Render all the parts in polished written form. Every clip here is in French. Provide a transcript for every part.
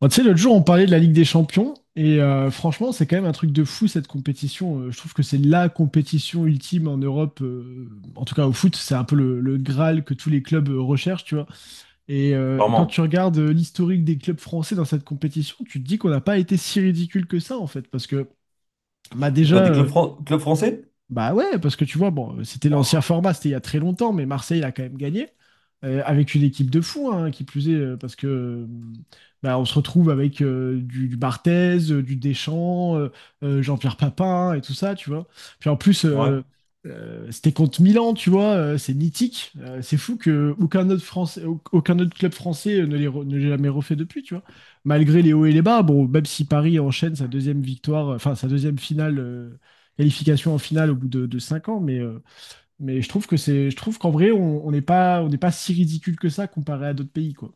Bon, tu sais, l'autre jour, on parlait de la Ligue des Champions, et franchement, c'est quand même un truc de fou cette compétition. Je trouve que c'est la compétition ultime en Europe, en tout cas au foot, c'est un peu le Graal que tous les clubs recherchent, tu vois. Et quand tu Normand. regardes l'historique des clubs français dans cette compétition, tu te dis qu'on n'a pas été si ridicule que ça, en fait, parce que bah, De déjà, quoi, des clubs, clubs français? bah ouais, parce que tu vois, bon, c'était l'ancien Wow. format, c'était il y a très longtemps, mais Marseille a quand même gagné, avec une équipe de fous, hein, qui plus est, parce que bah, on se retrouve avec du Barthez, du Deschamps, Jean-Pierre Papin et tout ça, tu vois. Puis en plus, Ouais. C'était contre Milan, tu vois, c'est mythique. C'est fou que aucun autre Français, aucun autre club français ne l'ait ne l'ait jamais refait depuis, tu vois. Malgré les hauts et les bas, bon, même si Paris enchaîne sa deuxième victoire, enfin sa deuxième finale, qualification en finale au bout de 5 ans, mais je trouve je trouve qu'en vrai, on n'est pas si ridicule que ça comparé à d'autres pays, quoi.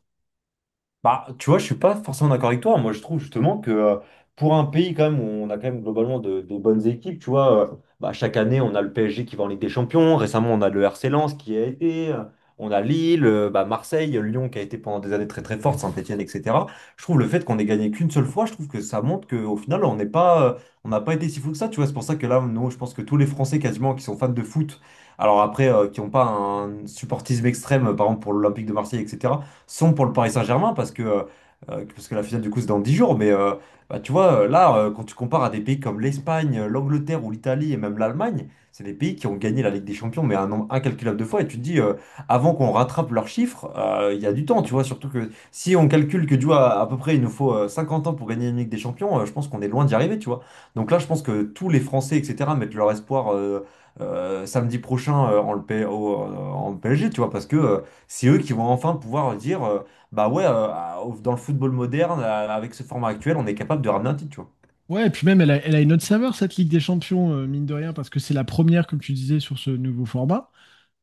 Bah, tu vois, je suis pas forcément d'accord avec toi. Moi, je trouve justement que pour un pays quand même où on a quand même globalement des bonnes équipes, tu vois, bah, chaque année on a le PSG qui va en Ligue des Champions. Récemment, on a le RC Lens qui a été, on a Lille, bah, Marseille, Lyon qui a été pendant des années très très forte, Saint-Etienne, etc. Je trouve le fait qu'on ait gagné qu'une seule fois, je trouve que ça montre qu'au final on n'est pas, on n'a pas été si fou que ça. Tu vois, c'est pour ça que là, nous, je pense que tous les Français quasiment qui sont fans de foot, alors après qui n'ont pas un supportisme extrême, par exemple pour l'Olympique de Marseille, etc. sont pour le Paris Saint-Germain parce que la finale, du coup, c'est dans 10 jours. Mais bah, tu vois, là, quand tu compares à des pays comme l'Espagne, l'Angleterre ou l'Italie et même l'Allemagne, c'est des pays qui ont gagné la Ligue des Champions, mais un nombre incalculable de fois. Et tu te dis, avant qu'on rattrape leurs chiffres, il y a du temps, tu vois. Surtout que si on calcule que, tu vois, à peu près, il nous faut 50 ans pour gagner une Ligue des Champions, je pense qu'on est loin d'y arriver, tu vois. Donc là, je pense que tous les Français, etc., mettent leur espoir samedi prochain en, le P- au- en PSG, tu vois, parce que c'est eux qui vont enfin pouvoir dire, bah ouais, dans le football moderne, avec ce format actuel, on est capable de ramener un titre, tu vois. Ouais, et puis même, elle a une autre saveur, cette Ligue des Champions, mine de rien, parce que c'est la première, comme tu disais, sur ce nouveau format.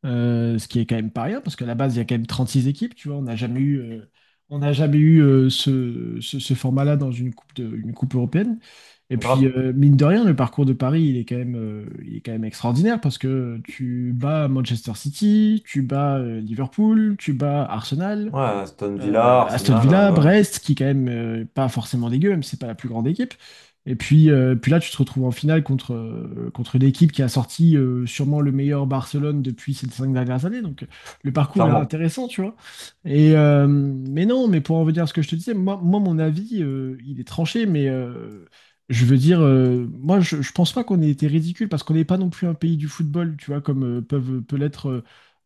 Ce qui est quand même pas rien, parce qu'à la base, il y a quand même 36 équipes, tu vois, on n'a jamais eu ce format-là dans une coupe, une coupe européenne. Et puis, Grave. Mine de rien, le parcours de Paris, il est quand même, il est quand même extraordinaire, parce que tu bats Manchester City, tu bats Liverpool, tu bats Arsenal, Ouais, Aston Villa, Aston Arsenal, Villa, ouais, Brest, qui est quand même pas forcément dégueu, même si c'est pas la plus grande équipe. Et puis, puis là, tu te retrouves en finale contre une équipe qui a sorti sûrement le meilleur Barcelone depuis ces cinq dernières années. Donc, le parcours est clairement. intéressant, tu vois. Mais non, mais pour en venir à ce que je te disais, moi mon avis, il est tranché, mais je veux dire, moi, je pense pas qu'on ait été ridicule parce qu'on n'est pas non plus un pays du football, tu vois, comme peut l'être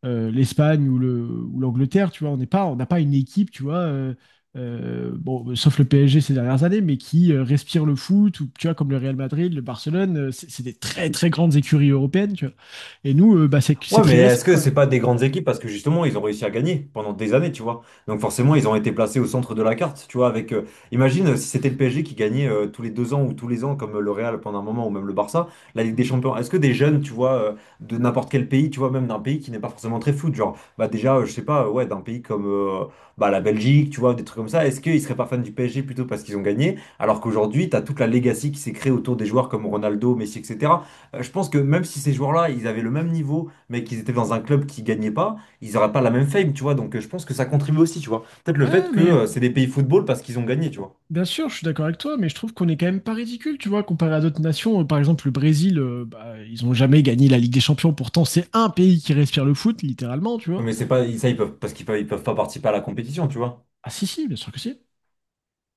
l'Espagne ou ou l'Angleterre, tu vois, on n'a pas une équipe, tu vois, bon, sauf le PSG ces dernières années, mais qui respire le foot, ou tu vois, comme le Real Madrid, le Barcelone, c'est des très très grandes écuries européennes, tu vois. Et nous, bah, c'est Ouais, mais très récent est-ce que quand c'est même. pas des grandes équipes parce que justement ils ont réussi à gagner pendant des années, tu vois. Donc forcément ils ont été placés au centre de la carte, tu vois. Avec, imagine si c'était le PSG qui gagnait tous les 2 ans ou tous les ans comme le Real pendant un moment ou même le Barça, la Ligue des Mm. Champions. Est-ce que des jeunes, tu vois, de n'importe quel pays, tu vois, même d'un pays qui n'est pas forcément très foot, genre, bah déjà, je sais pas, ouais, d'un pays comme bah, la Belgique, tu vois, des trucs comme ça. Est-ce qu'ils seraient pas fans du PSG plutôt parce qu'ils ont gagné, alors qu'aujourd'hui t'as toute la legacy qui s'est créée autour des joueurs comme Ronaldo, Messi, etc. Je pense que même si ces joueurs-là ils avaient le même niveau mais qu'ils étaient dans un club qui gagnait pas, ils n'auraient pas la même fame, tu vois. Donc je pense que ça contribue aussi, tu vois. Peut-être le Ouais, fait que mais c'est des pays football parce qu'ils ont gagné, tu vois. bien sûr, je suis d'accord avec toi, mais je trouve qu'on est quand même pas ridicule, tu vois, comparé à d'autres nations. Par exemple, le Brésil, bah, ils ont jamais gagné la Ligue des Champions, pourtant c'est un pays qui respire le foot, littéralement, tu Non, vois. mais c'est pas ça, ils peuvent parce qu'ils peuvent, ils peuvent pas participer à la compétition, tu vois. Ah si, si, bien sûr que si.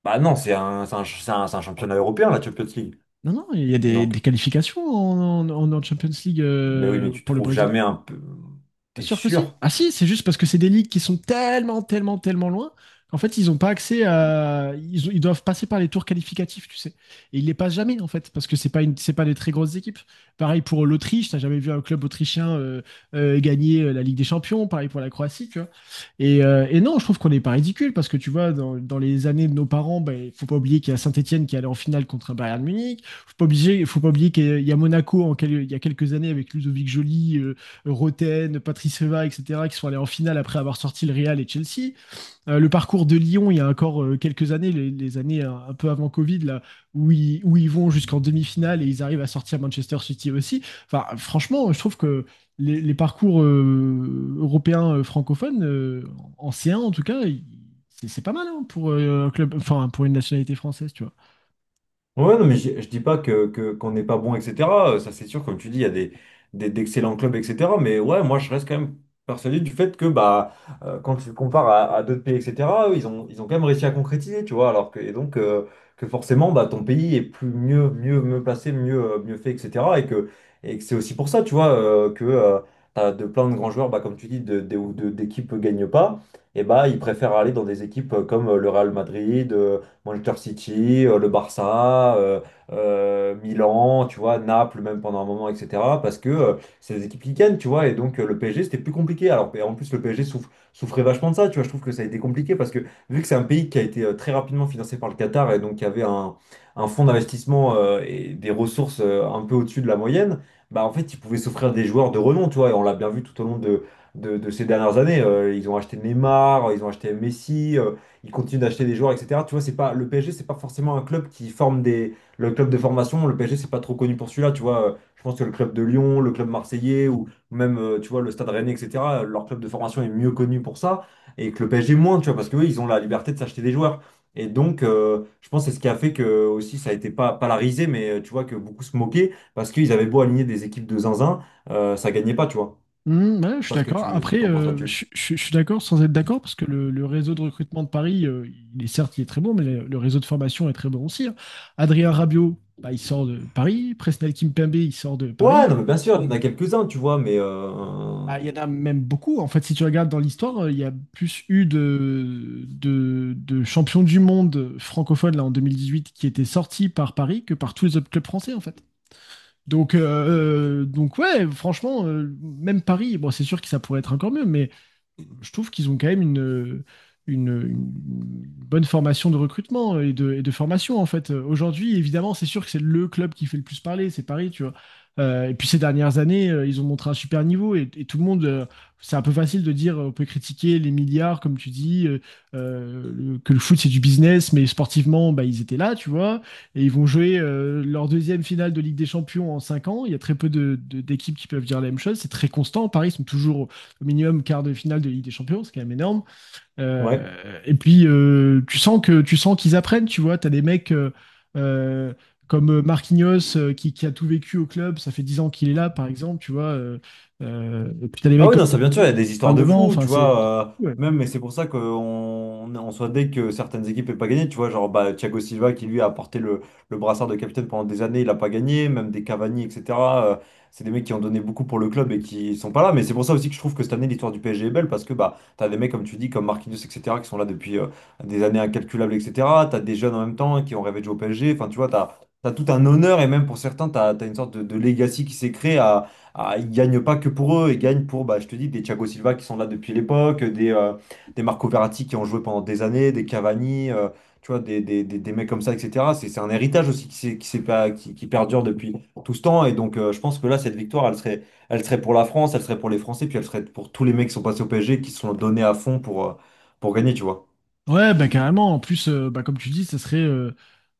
Bah non, c'est un championnat européen, la Champions League. Non, non, il y a Donc, des qualifications en Champions League mais oui, mais tu pour le trouves Brésil. jamais un peu. Bien T'es sûr que si. sûr? Ah si, c'est juste parce que c'est des ligues qui sont tellement, tellement, tellement loin qu'en fait, ils n'ont pas accès à. Ils doivent passer par les tours qualificatifs, tu sais. Et ils les passent jamais, en fait, parce que c'est pas des très grosses équipes. Pareil pour l'Autriche, t'as jamais vu un club autrichien gagner la Ligue des Champions. Pareil pour la Croatie, tu vois. Et non, je trouve qu'on n'est pas ridicule, parce que tu vois, dans les années de nos parents, ben, il faut pas oublier qu'il y a Saint-Étienne qui est allé en finale contre un Bayern Munich. Faut pas oublier qu'il y a Monaco il y a quelques années avec Ludovic Joly, Roten, Patrice Eva, etc., qui sont allés en finale après avoir sorti le Real et Chelsea. Le parcours de Lyon, il y a encore quelques années, les années un peu avant Covid, là, où ils vont jusqu'en demi-finale et ils arrivent à sortir Manchester City aussi. Enfin, franchement, je trouve que les parcours européens francophones, en C1 en tout cas, c'est pas mal hein, pour un club, enfin pour une nationalité française, tu vois. Ouais, non, mais je dis pas que, qu'on n'est pas bon, etc. Ça, c'est sûr, comme tu dis, il y a des, d'excellents clubs, etc. Mais ouais, moi, je reste quand même persuadé du fait que, bah, quand tu le compares à d'autres pays, etc., eux, ils ont quand même réussi à concrétiser, tu vois. Alors que, et donc, que forcément, bah, ton pays est plus mieux, mieux, mieux placé, mieux, mieux fait, etc. Et que c'est aussi pour ça, tu vois, que t'as de plein de grands joueurs, bah, comme tu dis, d'équipes gagnent pas, et bah, ils préfèrent aller dans des équipes comme le Real Madrid. Manchester City, le Barça, Milan, tu vois, Naples même pendant un moment, etc. Parce que c'est des équipes qui gagnent, tu vois, et donc le PSG c'était plus compliqué. Alors et en plus le PSG souffrait vachement de ça, tu vois, je trouve que ça a été compliqué parce que vu que c'est un pays qui a été très rapidement financé par le Qatar et donc qui avait un fonds d'investissement et des ressources un peu au-dessus de la moyenne, bah en fait ils pouvaient s'offrir des joueurs de renom, tu vois, et on l'a bien vu tout au long de ces dernières années. Ils ont acheté Neymar, ils ont acheté Messi. Ils continuent d'acheter des joueurs, etc. Tu vois, c'est pas, le PSG, c'est pas forcément un club qui forme des. Le club de formation, le PSG, c'est pas trop connu pour celui-là. Tu vois, je pense que le club de Lyon, le club marseillais, ou même, tu vois, le Stade Rennais, etc., leur club de formation est mieux connu pour ça, et que le PSG moins, tu vois, parce que eux, ils ont la liberté de s'acheter des joueurs. Et donc, je pense que c'est ce qui a fait que aussi ça a été pas, pas la risée, mais tu vois que beaucoup se moquaient parce qu'ils avaient beau aligner des équipes de zinzin, ça gagnait pas, tu vois. Mmh, ouais, Je je sais suis pas ce que d'accord. tu, ce que Après, t'en penses là-dessus. je suis d'accord sans être d'accord parce que le réseau de recrutement de Paris, il est certes, il est très bon, mais le réseau de formation est très bon aussi, hein. Adrien Rabiot, bah, il sort de Paris. Presnel Kimpembe, il sort de Ouais, Paris. non, mais bien sûr, il y en a quelques-uns, tu vois, mais Ah, il y en a même beaucoup. En fait, si tu regardes dans l'histoire, il y a plus eu de champions du monde francophones là, en 2018 qui étaient sortis par Paris que par tous les autres clubs français, en fait. Donc ouais, franchement, même Paris, bon, c'est sûr que ça pourrait être encore mieux, mais je trouve qu'ils ont quand même une bonne formation de recrutement et et de formation, en fait. Aujourd'hui, évidemment, c'est sûr que c'est le club qui fait le plus parler, c'est Paris, tu vois. Et puis ces dernières années, ils ont montré un super niveau, et tout le monde, c'est un peu facile de dire, on peut critiquer les milliards, comme tu dis, que le foot c'est du business, mais sportivement, bah, ils étaient là, tu vois, et ils vont jouer leur deuxième finale de Ligue des Champions en 5 ans. Il y a très peu d'équipes qui peuvent dire la même chose, c'est très constant. Paris sont toujours au minimum quart de finale de Ligue des Champions, c'est quand même énorme. ouais. Euh, et puis tu sens qu'ils apprennent, tu vois, tu as des mecs euh, comme Marquinhos a tout vécu au club, ça fait 10 ans qu'il est là par exemple, tu vois. Et puis tu as des Ah mecs oui, comme non, ça bien sûr, il y a des histoires de 29 ans, fous, enfin tu c'est vois. Ouais. Même, mais c'est pour ça qu'on on soit dès que certaines équipes n'aient pas gagné, tu vois. Genre, bah, Thiago Silva qui lui a porté le brassard de capitaine pendant des années, il n'a pas gagné. Même des Cavani, etc. euh, c'est des mecs qui ont donné beaucoup pour le club et qui sont pas là. Mais c'est pour ça aussi que je trouve que cette année, l'histoire du PSG est belle parce que bah, t'as des mecs, comme tu dis, comme Marquinhos, etc., qui sont là depuis des années incalculables, etc. T'as des jeunes en même temps qui ont rêvé de jouer au PSG. Enfin, tu vois, t'as tout un honneur et même pour certains, t'as une sorte de legacy qui s'est créé. Ah, ils gagnent pas que pour eux, ils gagnent pour, bah, je te dis, des Thiago Silva qui sont là depuis l'époque, des Marco Verratti qui ont joué pendant des années, des Cavani, tu vois, des mecs comme ça, etc. C'est un héritage aussi qui, s'est pas- qui perdure depuis tout ce temps. Et donc, je pense que là, cette victoire, elle serait pour la France, elle serait pour les Français, puis elle serait pour tous les mecs qui sont passés au PSG, qui se sont donnés à fond pour gagner, tu vois. Ouais, bah, carrément. En plus, bah, comme tu dis, ça serait, euh,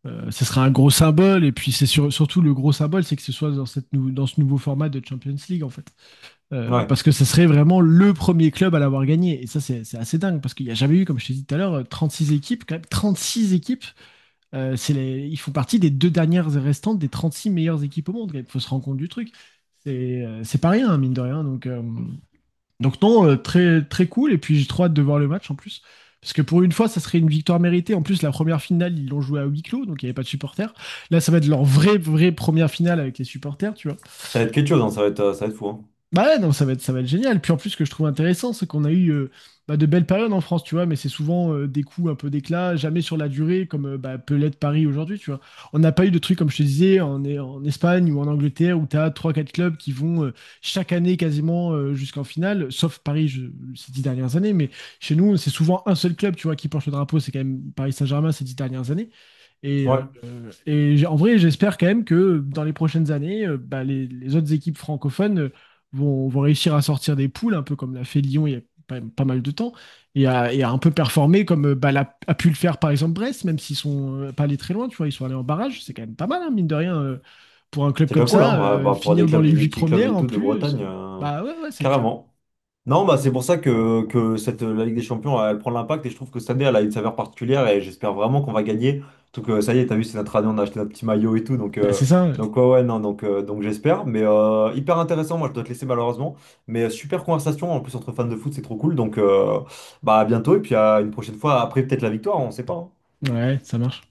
euh, ça serait un gros symbole. Et puis, c'est surtout le gros symbole, c'est que ce soit dans cette dans ce nouveau format de Champions League, en fait. Ouais, Parce que ça serait vraiment le premier club à l'avoir gagné. Et ça, c'est assez dingue. Parce qu'il n'y a jamais eu, comme je t'ai dit tout à l'heure, six équipes. Quand même, six équipes. Ils font partie des deux dernières restantes des 36 meilleures équipes au monde. Il faut se rendre compte du truc. C'est pas rien, hein, mine de rien. Donc, non, très, très cool. Et puis j'ai trop hâte de voir le match en plus. Parce que pour une fois, ça serait une victoire méritée. En plus, la première finale, ils l'ont joué à huis clos, donc il n'y avait pas de supporters. Là, ça va être leur vraie, vraie première finale avec les supporters, tu vois. ça va être quelque chose, hein, ça va être fou. Hein. Bah ouais, non, ça va être génial. Puis en plus, ce que je trouve intéressant, c'est qu'on a eu bah, de belles périodes en France, tu vois, mais c'est souvent des coups un peu d'éclat, jamais sur la durée, comme bah, peut l'être Paris aujourd'hui, tu vois. On n'a pas eu de trucs, comme je te disais, en Espagne ou en Angleterre, où tu as 3-4 clubs qui vont chaque année quasiment jusqu'en finale, sauf Paris ces 10 dernières années, mais chez nous, c'est souvent un seul club, tu vois, qui porte le drapeau, c'est quand même Paris Saint-Germain ces 10 dernières années. Et Ouais, euh, et en vrai, j'espère quand même que dans les prochaines années, bah, les autres équipes francophones vont réussir à sortir des poules, un peu comme l'a fait Lyon il y a pas mal de temps, et à un peu performer comme bah, a pu le faire par exemple Brest, même s'ils sont pas allés très loin, tu vois, ils sont allés en barrage, c'est quand même pas mal, hein, mine de rien, pour un club c'est comme déjà cool, ça, hein, ouais, bah, pour des finir dans clubs, les des huit petits clubs premières et en tout de plus, Bretagne, bah ouais, ouais, c'est clair. carrément. Non, bah c'est pour ça que, cette, la Ligue des Champions, elle, prend l'impact et je trouve que cette année, elle a une saveur particulière et j'espère vraiment qu'on va gagner. Surtout que ça y est, t'as vu, c'est notre année, on a acheté notre petit maillot et tout, donc, Bah, euh, c'est ça, donc ouais, ouais, non, donc j'espère. Mais hyper intéressant, moi je dois te laisser malheureusement. Mais super conversation, en plus entre fans de foot, c'est trop cool. Donc bah à bientôt et puis à une prochaine fois, après peut-être la victoire, on sait pas. Hein. ouais, ouais, ça marche.